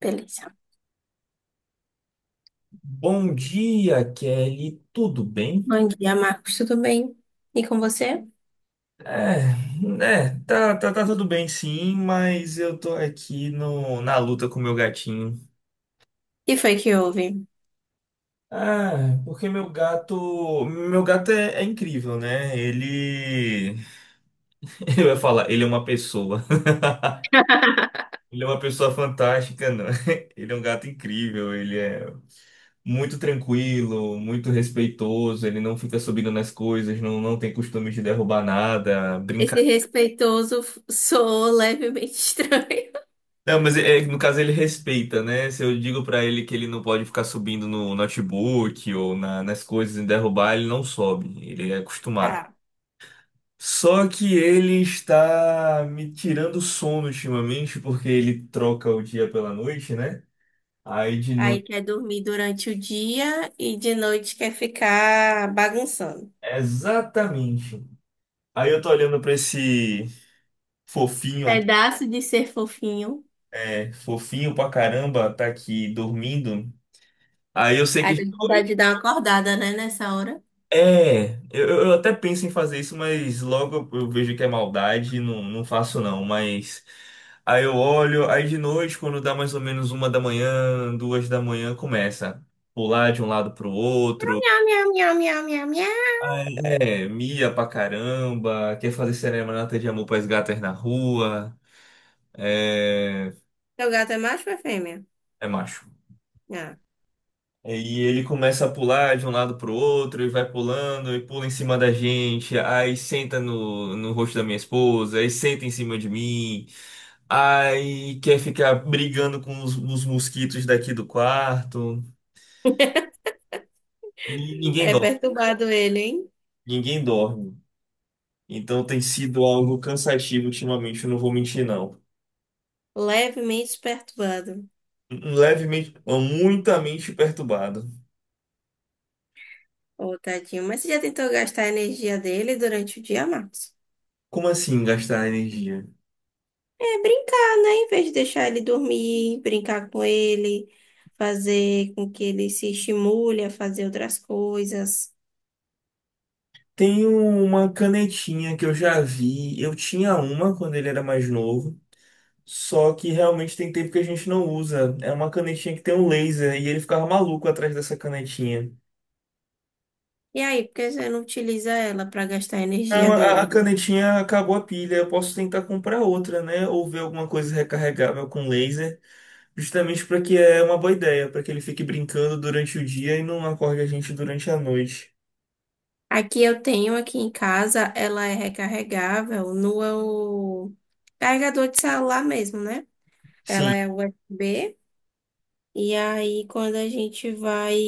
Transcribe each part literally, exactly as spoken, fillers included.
Beleza. Bom dia, Kelly. Tudo bem? Bom dia, Marcos. Tudo bem? E com você? É, é, tá, tá, tá tudo bem sim, mas eu tô aqui no, na luta com o meu gatinho. E foi que houve? Ah, porque meu gato, meu gato é, é incrível, né? Ele, eu ia falar, ele é uma pessoa. Ele é uma pessoa fantástica, não. Ele é um gato incrível, ele é muito tranquilo, muito respeitoso, ele não fica subindo nas coisas, não, não tem costume de derrubar nada, Esse brincar. respeitoso f- soou levemente estranho. Não, mas é, é- no caso ele respeita, né? Se eu digo pra ele que ele não pode ficar subindo no notebook ou na- nas coisas e derrubar, ele não sobe. Ele é acostumado. Tá. Só que ele está me tirando o sono ultimamente, porque ele troca o dia pela noite, né? Aí de Aí noite. quer dormir durante o dia e de noite quer ficar bagunçando. Exatamente. Aí eu tô olhando pra esse fofinho aqui, Pedaço de ser fofinho. é, fofinho pra caramba, tá aqui dormindo. Aí eu sei Aí que. tem vontade de dar uma acordada, né, nessa hora. É, eu, eu até penso em fazer isso, mas logo eu eu vejo que é maldade e não, não faço não. Mas aí eu olho, aí de noite, quando dá mais ou menos uma da manhã, duas da manhã, começa a pular de um lado pro Miau, outro. miau, miau, miau, miau, miau. Aí, é, mia pra caramba, quer fazer serenata de amor pras gatas na rua. É, Seu gato é macho ou é fêmea? é macho. Ah. E ele começa a pular de um lado pro outro e vai pulando e pula em cima da gente, aí senta no, no rosto da minha esposa, aí senta em cima de mim, aí quer ficar brigando com os, os mosquitos daqui do quarto. E ninguém É dorme, perturbado ele, hein? ninguém dorme. Então tem sido algo cansativo ultimamente, eu não vou mentir não. Levemente perturbado. Levemente, muitamente perturbado. Ô, tadinho. Mas você já tentou gastar a energia dele durante o dia, Marcos? Como assim gastar energia? É brincar, né? Em vez de deixar ele dormir, brincar com ele, fazer com que ele se estimule a fazer outras coisas. Tem uma canetinha que eu já vi. Eu tinha uma quando ele era mais novo. Só que realmente tem tempo que a gente não usa. É uma canetinha que tem um laser e ele ficava maluco atrás dessa canetinha. E aí, por que você não utiliza ela para gastar a Não, energia a a dele? canetinha acabou a pilha. Eu posso tentar comprar outra, né? Ou ver alguma coisa recarregável com laser. Justamente para que é uma boa ideia, para que ele fique brincando durante o dia e não acorde a gente durante a noite. Aqui eu tenho aqui em casa, ela é recarregável no carregador de celular mesmo, né? Sim. Ela é U S B. E aí, quando a gente vai.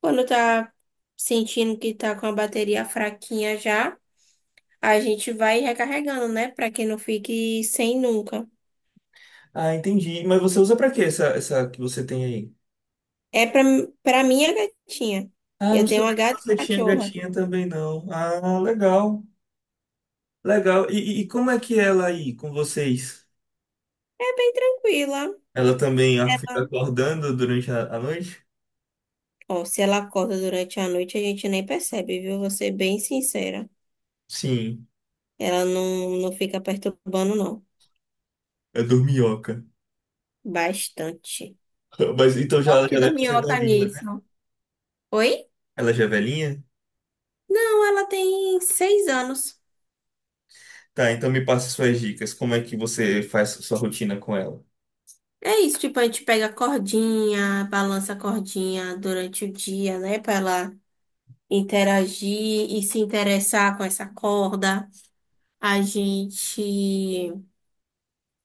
Quando tá sentindo que tá com a bateria fraquinha já, a gente vai recarregando, né? Pra que não fique sem nunca. Ah, entendi. Mas você usa para quê essa, essa que você tem aí? É pra, pra minha gatinha. Ah, não Eu tenho sabia uma que gata e você tinha cachorra. gatinha também, não. Ah, legal, legal. E, e- e como é que é ela aí com vocês? É bem tranquila. Ela também ah, fica Ela. acordando durante a, a noite? Ó, se ela acorda durante a noite, a gente nem percebe, viu? Vou ser bem sincera. Sim, Ela não, não fica perturbando, não. é dorminhoca. Bastante. Mas então já, Te já deve ser dorminhoca velhinha, né? nisso. Oi? Ela já é velhinha? Não, ela tem seis anos. Tá, então me passa suas dicas. Como é que você faz sua rotina com ela? É isso, tipo, a gente pega a cordinha, balança a cordinha durante o dia, né? Pra ela interagir e se interessar com essa corda. A gente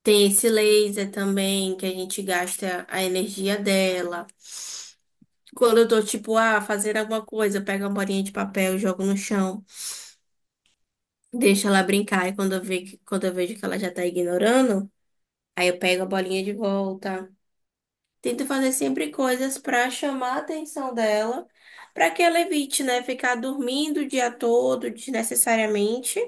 tem esse laser também, que a gente gasta a energia dela. Quando eu tô, tipo, ah, fazendo alguma coisa, eu pego uma bolinha de papel e jogo no chão. Deixo ela brincar e quando eu ve- que- quando eu vejo que ela já tá ignorando, aí eu pego a bolinha de volta. Tento fazer sempre coisas pra chamar a atenção dela, pra que ela evite, né, ficar dormindo o dia todo desnecessariamente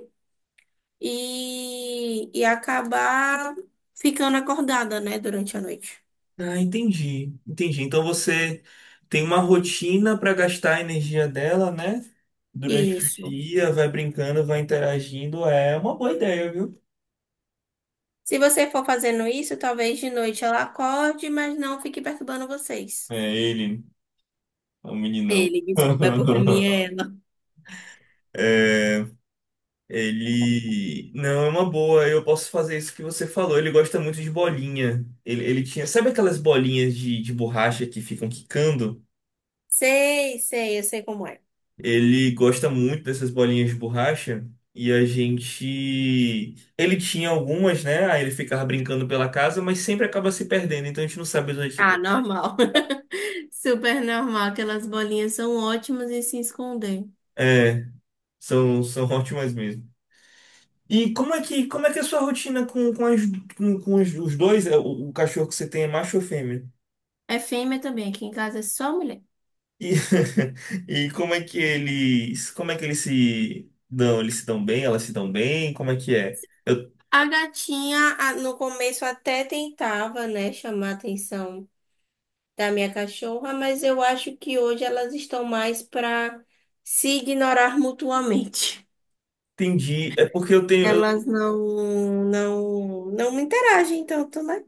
e, e acabar ficando acordada, né, durante a noite. Ah, entendi, entendi. Então você tem uma rotina para gastar a energia dela, né? Durante o Isso. dia, vai brincando, vai interagindo. É uma boa ideia, viu? Se você for fazendo isso, talvez de noite ela acorde, mas não fique perturbando vocês. É ele, é um meninão. Ele, desculpa, é porque a minha é ela. É, ele. Não, é uma boa. Eu posso fazer isso que você falou. Ele gosta muito de bolinha. Ele, ele tinha. Sabe aquelas bolinhas de, de borracha que ficam quicando? Sei, sei, eu sei como é. Ele gosta muito dessas bolinhas de borracha. E a gente. Ele tinha algumas, né? Aí ele ficava brincando pela casa, mas sempre acaba se perdendo. Então a gente não sabe Ah, onde. normal. Super normal. Aquelas bolinhas são ótimas em se esconder. É, são, são ótimas mesmo. E como é que, como é que é a sua rotina com, com, as, com, com os, os dois, é, o, o cachorro que você tem é macho ou fêmea? É fêmea também, aqui em casa é só mulher. E, e como é que eles, como é que eles se dão? Eles se dão bem? Elas se dão bem? Como é que é? Eu A gatinha, a- no começo até tentava, né, chamar a atenção da minha cachorra, mas eu acho que hoje elas estão mais para se ignorar mutuamente. Entendi, é porque eu tenho, eu- Elas não, não, não interagem tanto, né?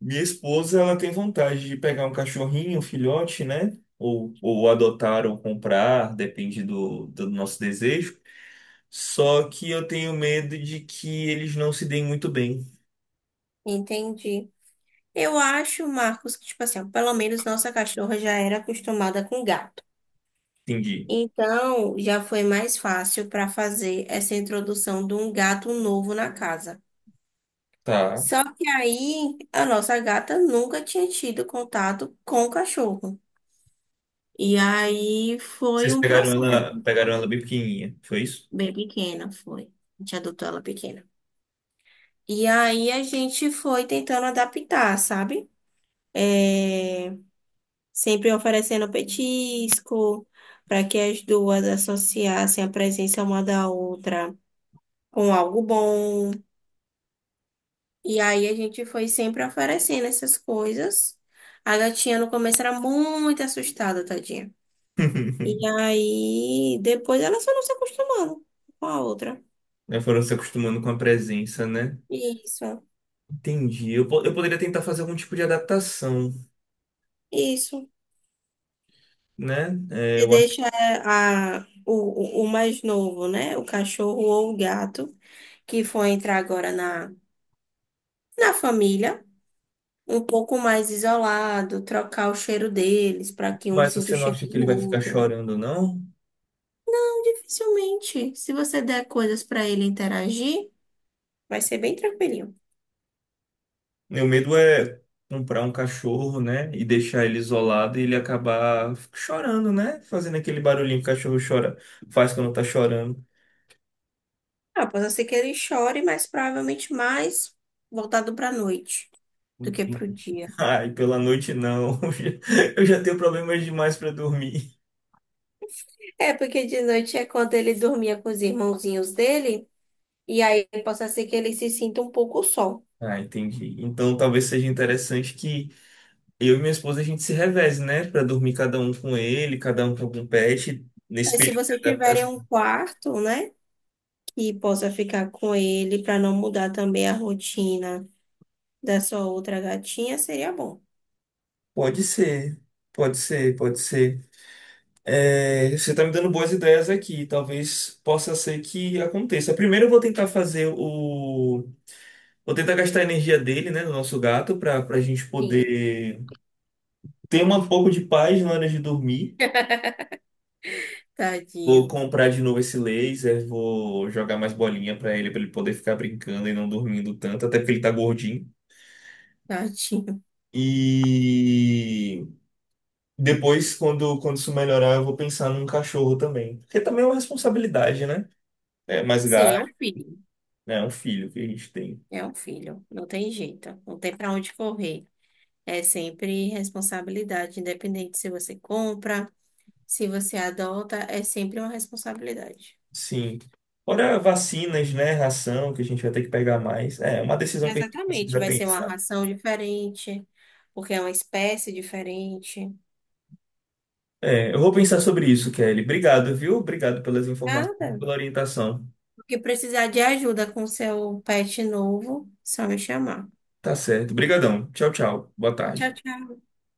minha esposa, ela tem vontade de pegar um cachorrinho, um filhote, né? Ou, ou adotar ou comprar, depende do, do nosso desejo. Só que eu tenho medo de que eles não se deem muito bem. Entendi. Eu acho, Marcos, que, tipo assim, ó, pelo menos nossa cachorra já era acostumada com gato. Entendi. Então, já foi mais fácil para fazer essa introdução de um gato novo na casa. Tá. Só que aí a nossa gata nunca tinha tido contato com o cachorro. E aí foi Vocês um pegaram processo, ela, pegaram ela sabe? bem pequenininha, foi isso? Bem pequena foi. A gente adotou ela pequena. E aí a gente foi tentando adaptar, sabe? É, sempre oferecendo petisco para que as duas associassem a presença uma da outra com algo bom. E aí a gente foi sempre oferecendo essas coisas. A gatinha no começo era muito assustada, tadinha. E aí depois ela só não se acostumando com a outra. Né, foram se acostumando com a presença, né? Isso, Entendi. Eu, po- eu poderia tentar fazer algum tipo de adaptação, isso. né? É, Você eu acho. deixa é, a, o, o o mais novo, né? O cachorro ou o gato, que foi entrar agora na, na família, um pouco mais isolado, trocar o cheiro deles para que um Mas sinta o você não cheiro acha que do ele vai ficar outro. chorando, não? Então, dificilmente, se você der coisas para ele interagir, vai ser bem tranquilinho. Meu medo é comprar um cachorro, né? E deixar ele isolado e ele acabar chorando, né? Fazendo aquele barulhinho que o cachorro chora, faz quando tá chorando. Ah, pode ser que ele chore, mas provavelmente mais voltado pra noite do que pro Entendi. dia. Ai, pela noite não. Eu já eu já tenho problemas demais pra dormir. É, porque de noite é quando ele dormia com os irmãozinhos dele, e aí possa ser que ele se sinta um pouco só. Ah, entendi. Então talvez seja interessante que eu e minha esposa a gente se reveze, né? Pra dormir cada um com ele, cada um com algum pet. Nesse É, se período vocês de tiverem adaptação. um quarto, né, que possa ficar com ele pra não mudar também a rotina da sua outra gatinha, seria bom. Pode ser, pode ser, pode ser. É, você tá me dando boas ideias aqui. Talvez possa ser que aconteça. Primeiro eu vou tentar fazer o. Vou tentar gastar a energia dele, né? Do nosso gato, pra, pra gente Sim. poder ter um pouco de paz na hora de dormir. Vou Tadinho, comprar de novo esse laser, vou jogar mais bolinha pra ele, pra ele poder ficar brincando e não dormindo tanto, até porque ele tá gordinho. tadinho. E depois, quando, quando isso melhorar, eu vou pensar num cachorro também. Porque também é uma responsabilidade, né? É mais Sim, é gasto, um filho. né? É um filho que a gente tem. É um filho. Não tem jeito. Não tem pra onde correr. É sempre responsabilidade, independente se você compra, se você adota, é sempre uma responsabilidade. Sim. Fora vacinas, né? Ração, que a gente vai ter que pegar mais. É é uma decisão que a gente Exatamente. precisa Vai ser uma pensar. ração diferente, porque é uma espécie diferente. É, eu vou pensar sobre isso, Kelly. Obrigado, viu? Obrigado pelas informações, Nada. pela orientação. O que precisar de ajuda com seu pet novo, só me chamar. Tá certo. Obrigadão. Tchau, tchau. Boa tarde. Tchau, tchau.